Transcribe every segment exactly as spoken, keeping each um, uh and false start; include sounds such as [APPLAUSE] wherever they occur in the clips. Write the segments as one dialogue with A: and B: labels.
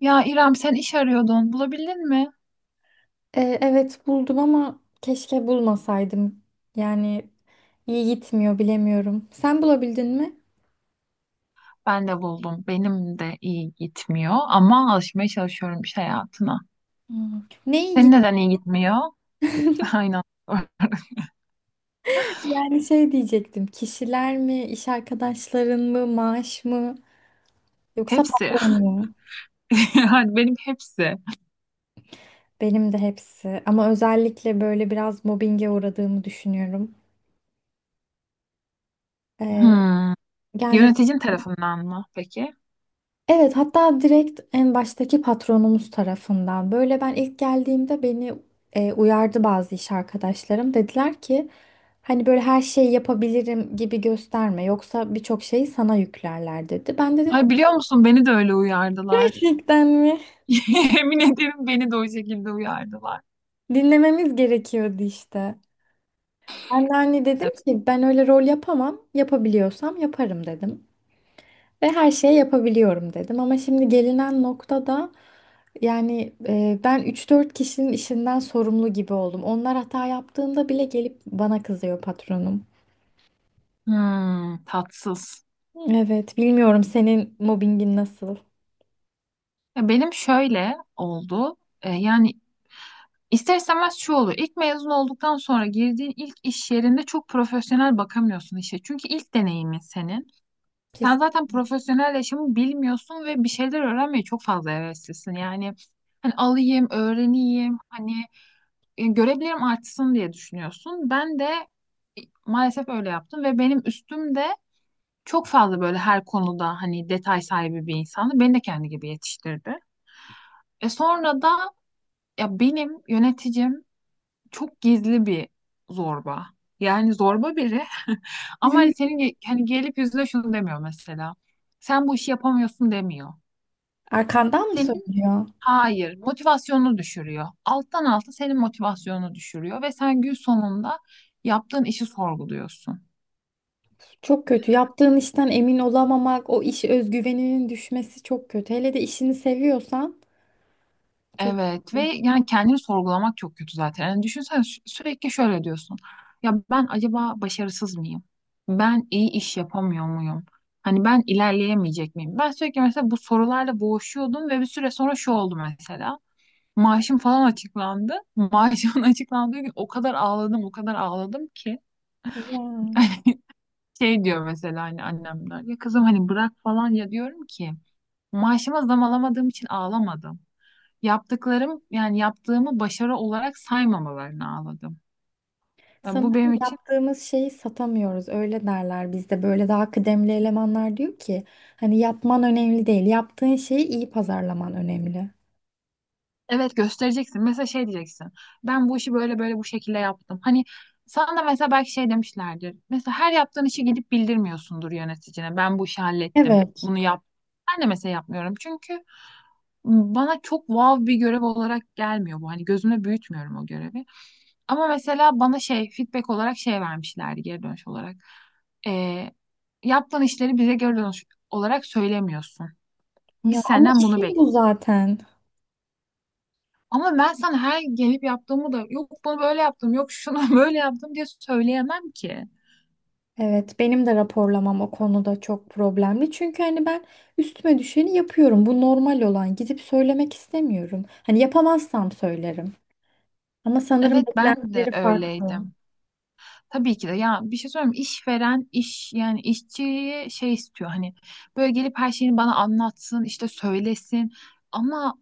A: Ya İrem sen iş arıyordun. Bulabildin mi?
B: E, evet buldum ama keşke bulmasaydım. Yani iyi gitmiyor bilemiyorum. Sen bulabildin mi?
A: Ben de buldum. Benim de iyi gitmiyor ama alışmaya çalışıyorum iş hayatına.
B: Hmm. Ne iyi
A: Senin neden
B: gitti?
A: iyi gitmiyor? [LAUGHS] Aynen.
B: Yani şey diyecektim. Kişiler mi, iş arkadaşların mı, maaş mı yoksa
A: Hepsi. [LAUGHS]
B: patron mu?
A: Yani benim hepsi.
B: Benim de hepsi. Ama özellikle böyle biraz mobbinge uğradığımı düşünüyorum. E,
A: Hmm.
B: yani
A: Yöneticin tarafından mı peki?
B: Evet, hatta direkt en baştaki patronumuz tarafından. Böyle ben ilk geldiğimde beni e, uyardı bazı iş arkadaşlarım. Dediler ki hani böyle her şeyi yapabilirim gibi gösterme. Yoksa birçok şeyi sana yüklerler dedi. Ben de dedim
A: Ay biliyor musun beni de öyle uyardılar.
B: gerçekten mi?
A: [LAUGHS] Yemin ederim beni de o şekilde uyardılar.
B: Dinlememiz gerekiyordu işte. Ben de hani dedim
A: Evet.
B: ki ben öyle rol yapamam. Yapabiliyorsam yaparım dedim. Ve her şeyi yapabiliyorum dedim. Ama şimdi gelinen noktada yani e, ben üç dört kişinin işinden sorumlu gibi oldum. Onlar hata yaptığında bile gelip bana kızıyor patronum.
A: Hmm, tatsız.
B: Evet, bilmiyorum senin mobbingin nasıl?
A: Ya benim şöyle oldu. E, yani İster istemez şu oluyor. İlk mezun olduktan sonra girdiğin ilk iş yerinde çok profesyonel bakamıyorsun işe. Çünkü ilk deneyimin senin. Sen
B: Kesin.
A: zaten profesyonel yaşamı bilmiyorsun ve bir şeyler öğrenmeye çok fazla heveslisin. Yani hani alayım, öğreneyim, hani e, görebilirim artsın diye düşünüyorsun. Ben de e, maalesef öyle yaptım ve benim üstüm de çok fazla böyle her konuda hani detay sahibi bir insandı. Beni de kendi gibi yetiştirdi. E sonra da ya benim yöneticim çok gizli bir zorba. Yani zorba biri ama hani
B: [LAUGHS]
A: senin ge- hani gelip yüzüne şunu demiyor mesela. Sen bu işi yapamıyorsun demiyor.
B: Arkandan mı
A: Senin
B: söylüyor?
A: hayır motivasyonunu düşürüyor. Alttan alta senin motivasyonunu düşürüyor ve sen gün sonunda yaptığın işi sorguluyorsun.
B: Çok kötü. Yaptığın işten emin olamamak, o iş özgüveninin düşmesi çok kötü. Hele de işini seviyorsan çok
A: Evet ve
B: kötü.
A: yani kendini sorgulamak çok kötü zaten. Yani düşünsene sü- sürekli şöyle diyorsun. Ya ben acaba başarısız mıyım? Ben iyi iş yapamıyor muyum? Hani ben ilerleyemeyecek miyim? Ben sürekli mesela bu sorularla boğuşuyordum ve bir süre sonra şu oldu mesela. Maaşım falan açıklandı. Maaşımın [LAUGHS] açıklandığı gün o kadar ağladım, o kadar ağladım ki.
B: Ya.
A: [LAUGHS] Şey diyor mesela hani annemler. Ya kızım hani bırak falan ya diyorum ki. Maaşıma zam alamadığım için ağlamadım, yaptıklarım yani yaptığımı başarı olarak saymamalarını ağladım. Yani bu
B: Sanırım
A: benim için
B: yaptığımız şeyi satamıyoruz. Öyle derler bizde. Böyle daha kıdemli elemanlar diyor ki hani yapman önemli değil. Yaptığın şeyi iyi pazarlaman önemli.
A: evet göstereceksin. Mesela şey diyeceksin. Ben bu işi böyle böyle bu şekilde yaptım. Hani sana da mesela belki şey demişlerdir. Mesela her yaptığın işi gidip bildirmiyorsundur yöneticine. Ben bu işi hallettim.
B: Evet.
A: Bunu yap. Ben de mesela yapmıyorum. Çünkü bana çok wow bir görev olarak gelmiyor bu. Hani gözümde büyütmüyorum o görevi. Ama mesela bana şey feedback olarak şey vermişlerdi geri dönüş olarak. e, Yaptığın işleri bize göre olarak söylemiyorsun.
B: Ya
A: Biz
B: ama
A: senden bunu
B: işim bu
A: bekliyoruz.
B: zaten.
A: Ama ben sana her gelip yaptığımı da yok bunu böyle yaptım, yok şunu [LAUGHS] böyle yaptım diye söyleyemem ki.
B: Evet, benim de raporlamam o konuda çok problemli. Çünkü hani ben üstüme düşeni yapıyorum. Bu normal olan. Gidip söylemek istemiyorum. Hani yapamazsam söylerim. Ama sanırım
A: Evet, ben de
B: beklentileri farklı.
A: öyleydim. Tabii ki de ya bir şey söyleyeyim mi? İşveren iş yani işçiyi şey istiyor hani böyle gelip her şeyini bana anlatsın işte söylesin ama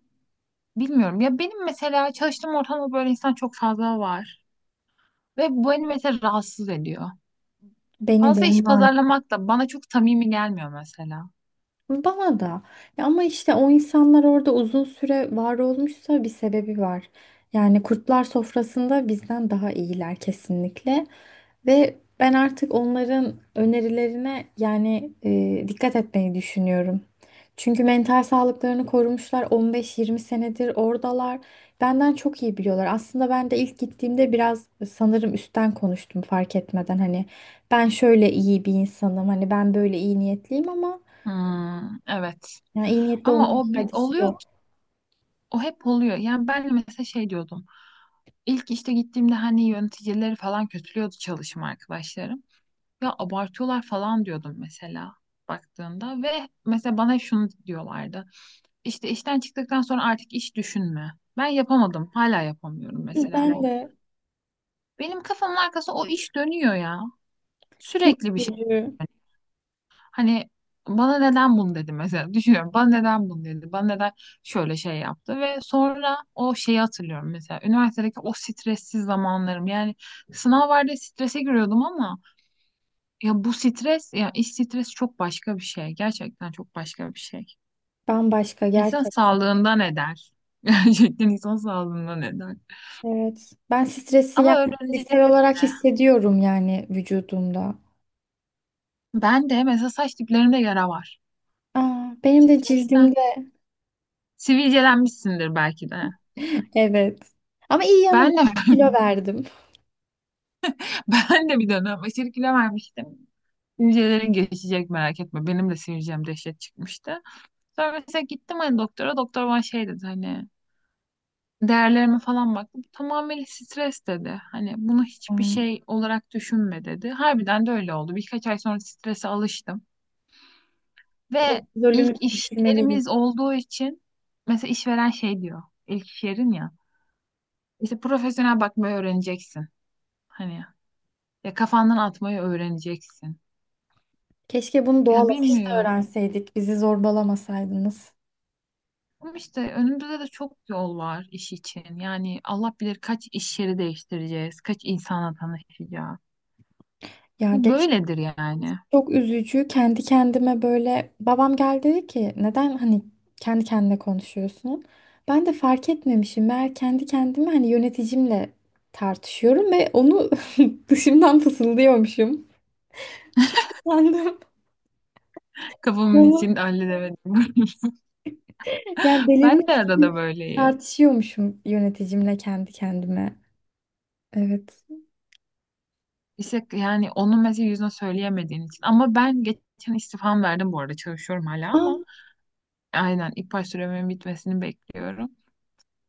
A: bilmiyorum ya benim mesela çalıştığım ortamda böyle insan çok fazla var ve bu beni mesela rahatsız ediyor.
B: Beni de
A: Fazla iş
B: onlar.
A: pazarlamak da bana çok samimi gelmiyor mesela.
B: Bana da. Ya ama işte o insanlar orada uzun süre var olmuşsa bir sebebi var. Yani kurtlar sofrasında bizden daha iyiler kesinlikle. Ve ben artık onların önerilerine yani e, dikkat etmeyi düşünüyorum. Çünkü mental sağlıklarını korumuşlar on beş yirmi senedir oradalar. Benden çok iyi biliyorlar. Aslında ben de ilk gittiğimde biraz sanırım üstten konuştum fark etmeden. Hani ben şöyle iyi bir insanım, hani ben böyle iyi niyetliyim ama
A: Hmm, evet.
B: yani iyi niyetli
A: Ama
B: olmanın
A: o bir,
B: faydası
A: oluyor,
B: yok.
A: o hep oluyor. Yani ben de mesela şey diyordum. İlk işte gittiğimde hani yöneticileri falan kötülüyordu çalışma arkadaşlarım. Ya abartıyorlar falan diyordum mesela baktığında ve mesela bana şunu diyorlardı. İşte işten çıktıktan sonra artık iş düşünme. Ben yapamadım. Hala yapamıyorum
B: [LAUGHS]
A: mesela
B: Ben
A: bunu.
B: de
A: Benim kafamın arkası o iş dönüyor ya.
B: çok
A: Sürekli bir şey.
B: üzücü.
A: Hani bana neden bunu dedi mesela düşünüyorum, bana neden bunu dedi, bana neden şöyle şey yaptı ve sonra o şeyi hatırlıyorum mesela üniversitedeki o stressiz zamanlarım yani sınav vardı strese giriyordum ama ya bu stres ya iş stresi çok başka bir şey, gerçekten çok başka bir şey.
B: Bambaşka
A: İnsan
B: gerçek.
A: sağlığından eder, [LAUGHS] gerçekten insan sağlığından eder
B: Evet. Ben stresi
A: ama
B: yani
A: öğreneceğiz
B: fiziksel olarak
A: işte.
B: hissediyorum yani vücudumda.
A: Ben de mesela saç diplerimde yara var
B: Aa, benim de
A: stresten.
B: cildimde.
A: Sivilcelenmişsindir belki de.
B: [LAUGHS] Evet. Ama iyi yanı da
A: Ben de
B: var. Kilo verdim.
A: [LAUGHS] ben de bir dönem aşırı kilo vermiştim. Hücrelerin geçecek merak etme. Benim de sivilcem dehşet çıkmıştı. Sonra mesela gittim hani doktora. Doktor bana şey dedi hani değerlerime falan baktı. Bu tamamen stres dedi. Hani bunu hiçbir
B: Aa.
A: şey olarak düşünme dedi. Harbiden de öyle oldu. Birkaç ay sonra strese alıştım. Ve ilk
B: Kortizolümüzü
A: iş
B: düşürmeliyiz.
A: yerimiz olduğu için mesela işveren şey diyor. İlk iş yerin ya. İşte profesyonel bakmayı öğreneceksin. Hani ya kafandan atmayı öğreneceksin.
B: Keşke bunu doğal
A: Ya
B: akışta
A: bilmiyorum.
B: öğrenseydik. Bizi zorbalamasaydınız.
A: Ama işte önümüzde de çok yol var iş için. Yani Allah bilir kaç iş yeri değiştireceğiz, kaç insanla tanışacağız.
B: Ya
A: Bu
B: geç.
A: böyledir yani.
B: Çok üzücü. Kendi kendime böyle babam geldi dedi ki neden hani kendi kendine konuşuyorsun? Ben de fark etmemişim. Meğer kendi kendime hani yöneticimle tartışıyorum ve onu [LAUGHS] dışımdan fısıldıyormuşum. Çok utandım.
A: Kafamın
B: Ama
A: içinde halledemedim. [LAUGHS]
B: yani
A: Ben de
B: delirmiş
A: arada
B: gibi
A: böyleyim.
B: tartışıyormuşum yöneticimle kendi kendime. Evet.
A: İşte yani onun mesela yüzüne söyleyemediğin için. Ama ben geçen istifam verdim bu arada. Çalışıyorum hala
B: Aa,
A: ama aynen ilk baş süremin bitmesini bekliyorum.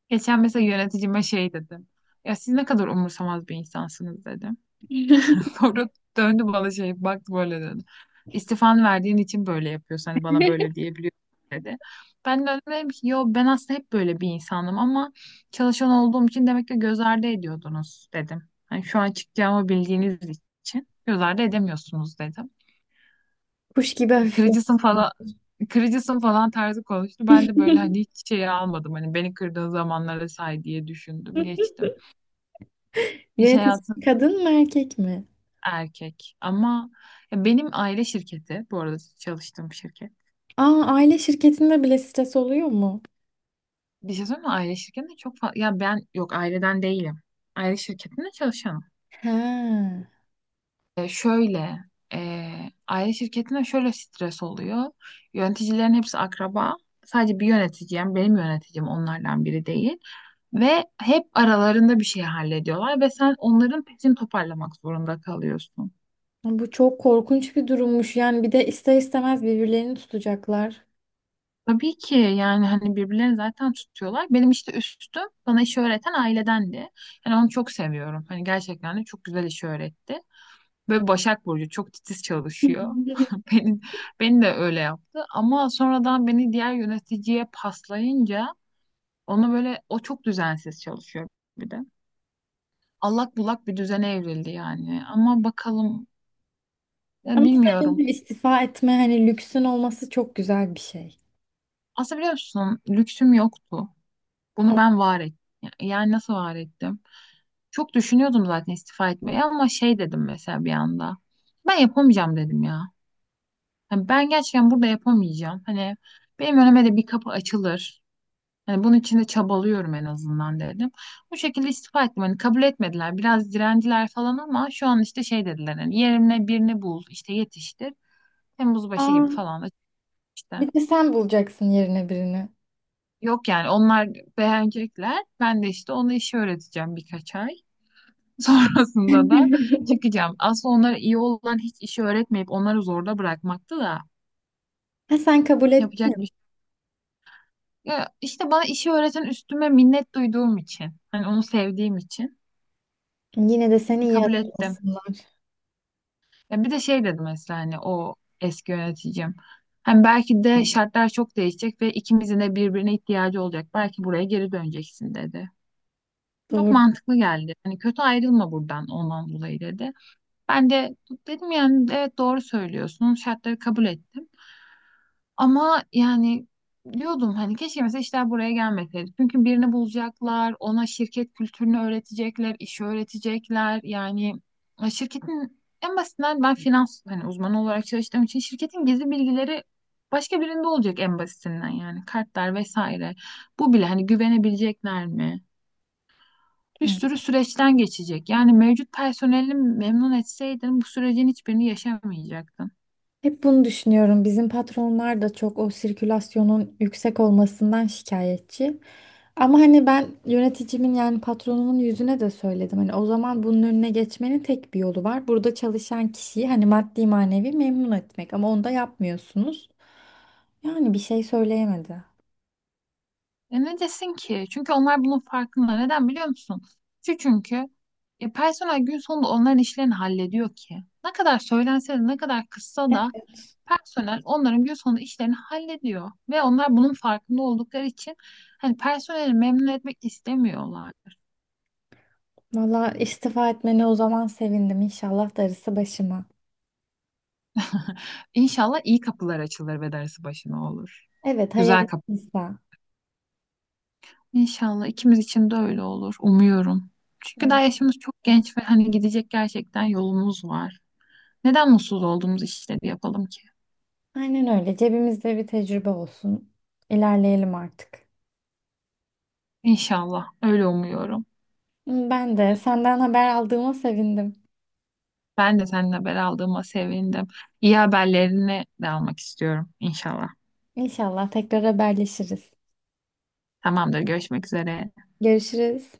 A: Geçen mesela yöneticime şey dedim. Ya siz ne kadar umursamaz bir insansınız dedim.
B: [LAUGHS]
A: Sonra döndü bana şey baktı böyle dedi. İstifan verdiğin için böyle yapıyorsun. Hani bana böyle diyebiliyorsun dedi. Ben de dedim ki yo ben aslında hep böyle bir insanım ama çalışan olduğum için demek ki göz ardı ediyordunuz dedim. Hani şu an çıkacağımı bildiğiniz için göz ardı edemiyorsunuz dedim.
B: kuş gibi hafifledim.
A: Kırıcısın falan, kırıcısın falan tarzı konuştu. Ben de böyle hani hiç şey almadım. Hani beni kırdığın zamanlara say diye düşündüm geçtim. İş
B: Yönetici
A: hayatı
B: kadın mı erkek mi?
A: erkek. Ama ya benim aile şirketi, bu arada çalıştığım şirket.
B: Aa, aile şirketinde bile stres oluyor mu?
A: Bir şey söyleyeyim mi? Aile şirketinde çok fazla... Ya ben yok aileden değilim. Aile şirketinde çalışanım.
B: Ha.
A: E, şöyle, e, aile şirketinde şöyle stres oluyor. Yöneticilerin hepsi akraba. Sadece bir yöneticim, benim yöneticim onlardan biri değil. Ve hep aralarında bir şey hallediyorlar ve sen onların peşini toparlamak zorunda kalıyorsun.
B: Bu çok korkunç bir durummuş. Yani bir de ister istemez birbirlerini tutacaklar.
A: Tabii ki yani hani birbirlerini zaten tutuyorlar. Benim işte üstüm bana işi öğreten ailedendi. Yani onu çok seviyorum. Hani gerçekten de çok güzel işi öğretti. Böyle Başak Burcu çok titiz çalışıyor. [LAUGHS]
B: [LAUGHS]
A: Beni, beni de öyle yaptı. Ama sonradan beni diğer yöneticiye paslayınca onu böyle o çok düzensiz çalışıyor bir de. Allak bullak bir düzene evrildi yani. Ama bakalım ya
B: Ama sevindim,
A: bilmiyorum.
B: istifa etme hani lüksün olması çok güzel bir şey.
A: Aslında biliyor musun lüksüm yoktu. Bunu ben var ettim. Yani nasıl var ettim? Çok düşünüyordum zaten istifa etmeyi ama şey dedim mesela bir anda. Ben yapamayacağım dedim ya. Hani ben gerçekten burada yapamayacağım. Hani benim önüme de bir kapı açılır. Hani bunun için de çabalıyorum en azından dedim. Bu şekilde istifa ettim. Hani kabul etmediler. Biraz direndiler falan ama şu an işte şey dediler. Hani yerine birini bul, işte yetiştir. Temmuz başı gibi
B: Aa,
A: falan da işte.
B: bir de sen bulacaksın yerine birini.
A: Yok yani onlar beğenecekler. Ben de işte ona işi öğreteceğim birkaç ay. [LAUGHS] Sonrasında da
B: [LAUGHS]
A: çıkacağım. Aslında onlara iyi olan hiç işi öğretmeyip onları zorda bırakmaktı da
B: Ha, sen kabul ettin.
A: yapacak bir şey. Ya işte bana işi öğreten üstüme minnet duyduğum için, hani onu sevdiğim için
B: Yine de seni iyi
A: kabul ettim.
B: hatırlasınlar.
A: Ya bir de şey dedim mesela hani o eski yöneticim. Hani belki de şartlar çok değişecek ve ikimizin de birbirine ihtiyacı olacak. Belki buraya geri döneceksin dedi. Çok
B: Doğru.
A: mantıklı geldi. Hani kötü ayrılma buradan ondan dolayı dedi. Ben de dedim yani evet doğru söylüyorsun. Şartları kabul ettim. Ama yani diyordum hani keşke mesela işler buraya gelmeseydi. Çünkü birini bulacaklar, ona şirket kültürünü öğretecekler, işi öğretecekler. Yani e, şirketin en basitinden ben finans hani uzmanı olarak çalıştığım için şirketin gizli bilgileri başka birinde olacak en basitinden yani kartlar vesaire. Bu bile hani güvenebilecekler mi? Bir
B: Evet.
A: sürü süreçten geçecek. Yani mevcut personeli memnun etseydin bu sürecin hiçbirini yaşamayacaktın.
B: Hep bunu düşünüyorum. Bizim patronlar da çok o sirkülasyonun yüksek olmasından şikayetçi. Ama hani ben yöneticimin yani patronumun yüzüne de söyledim. Hani o zaman bunun önüne geçmenin tek bir yolu var. Burada çalışan kişiyi hani maddi manevi memnun etmek. Ama onu da yapmıyorsunuz. Yani bir şey söyleyemedi.
A: E ne desin ki? Çünkü onlar bunun farkında. Neden biliyor musun? Şu çünkü e, personel gün sonunda onların işlerini hallediyor ki. Ne kadar söylense de ne kadar kızsa da personel onların gün sonunda işlerini hallediyor. Ve onlar bunun farkında oldukları için hani personeli memnun etmek istemiyorlar.
B: Valla istifa etmene o zaman sevindim. İnşallah darısı başıma.
A: [LAUGHS] İnşallah iyi kapılar açılır ve dersi başına olur.
B: Evet,
A: Güzel kapı.
B: hayırlısıysa.
A: İnşallah ikimiz için de öyle olur. Umuyorum. Çünkü daha
B: Evet.
A: yaşımız çok genç ve hani gidecek gerçekten yolumuz var. Neden mutsuz olduğumuz işleri yapalım ki?
B: Aynen öyle. Cebimizde bir tecrübe olsun. İlerleyelim artık.
A: İnşallah. Öyle umuyorum.
B: Ben de senden haber aldığıma sevindim.
A: Ben de seninle haber aldığıma sevindim. İyi haberlerini de almak istiyorum. İnşallah.
B: İnşallah tekrar haberleşiriz.
A: Tamamdır. Görüşmek üzere.
B: Görüşürüz.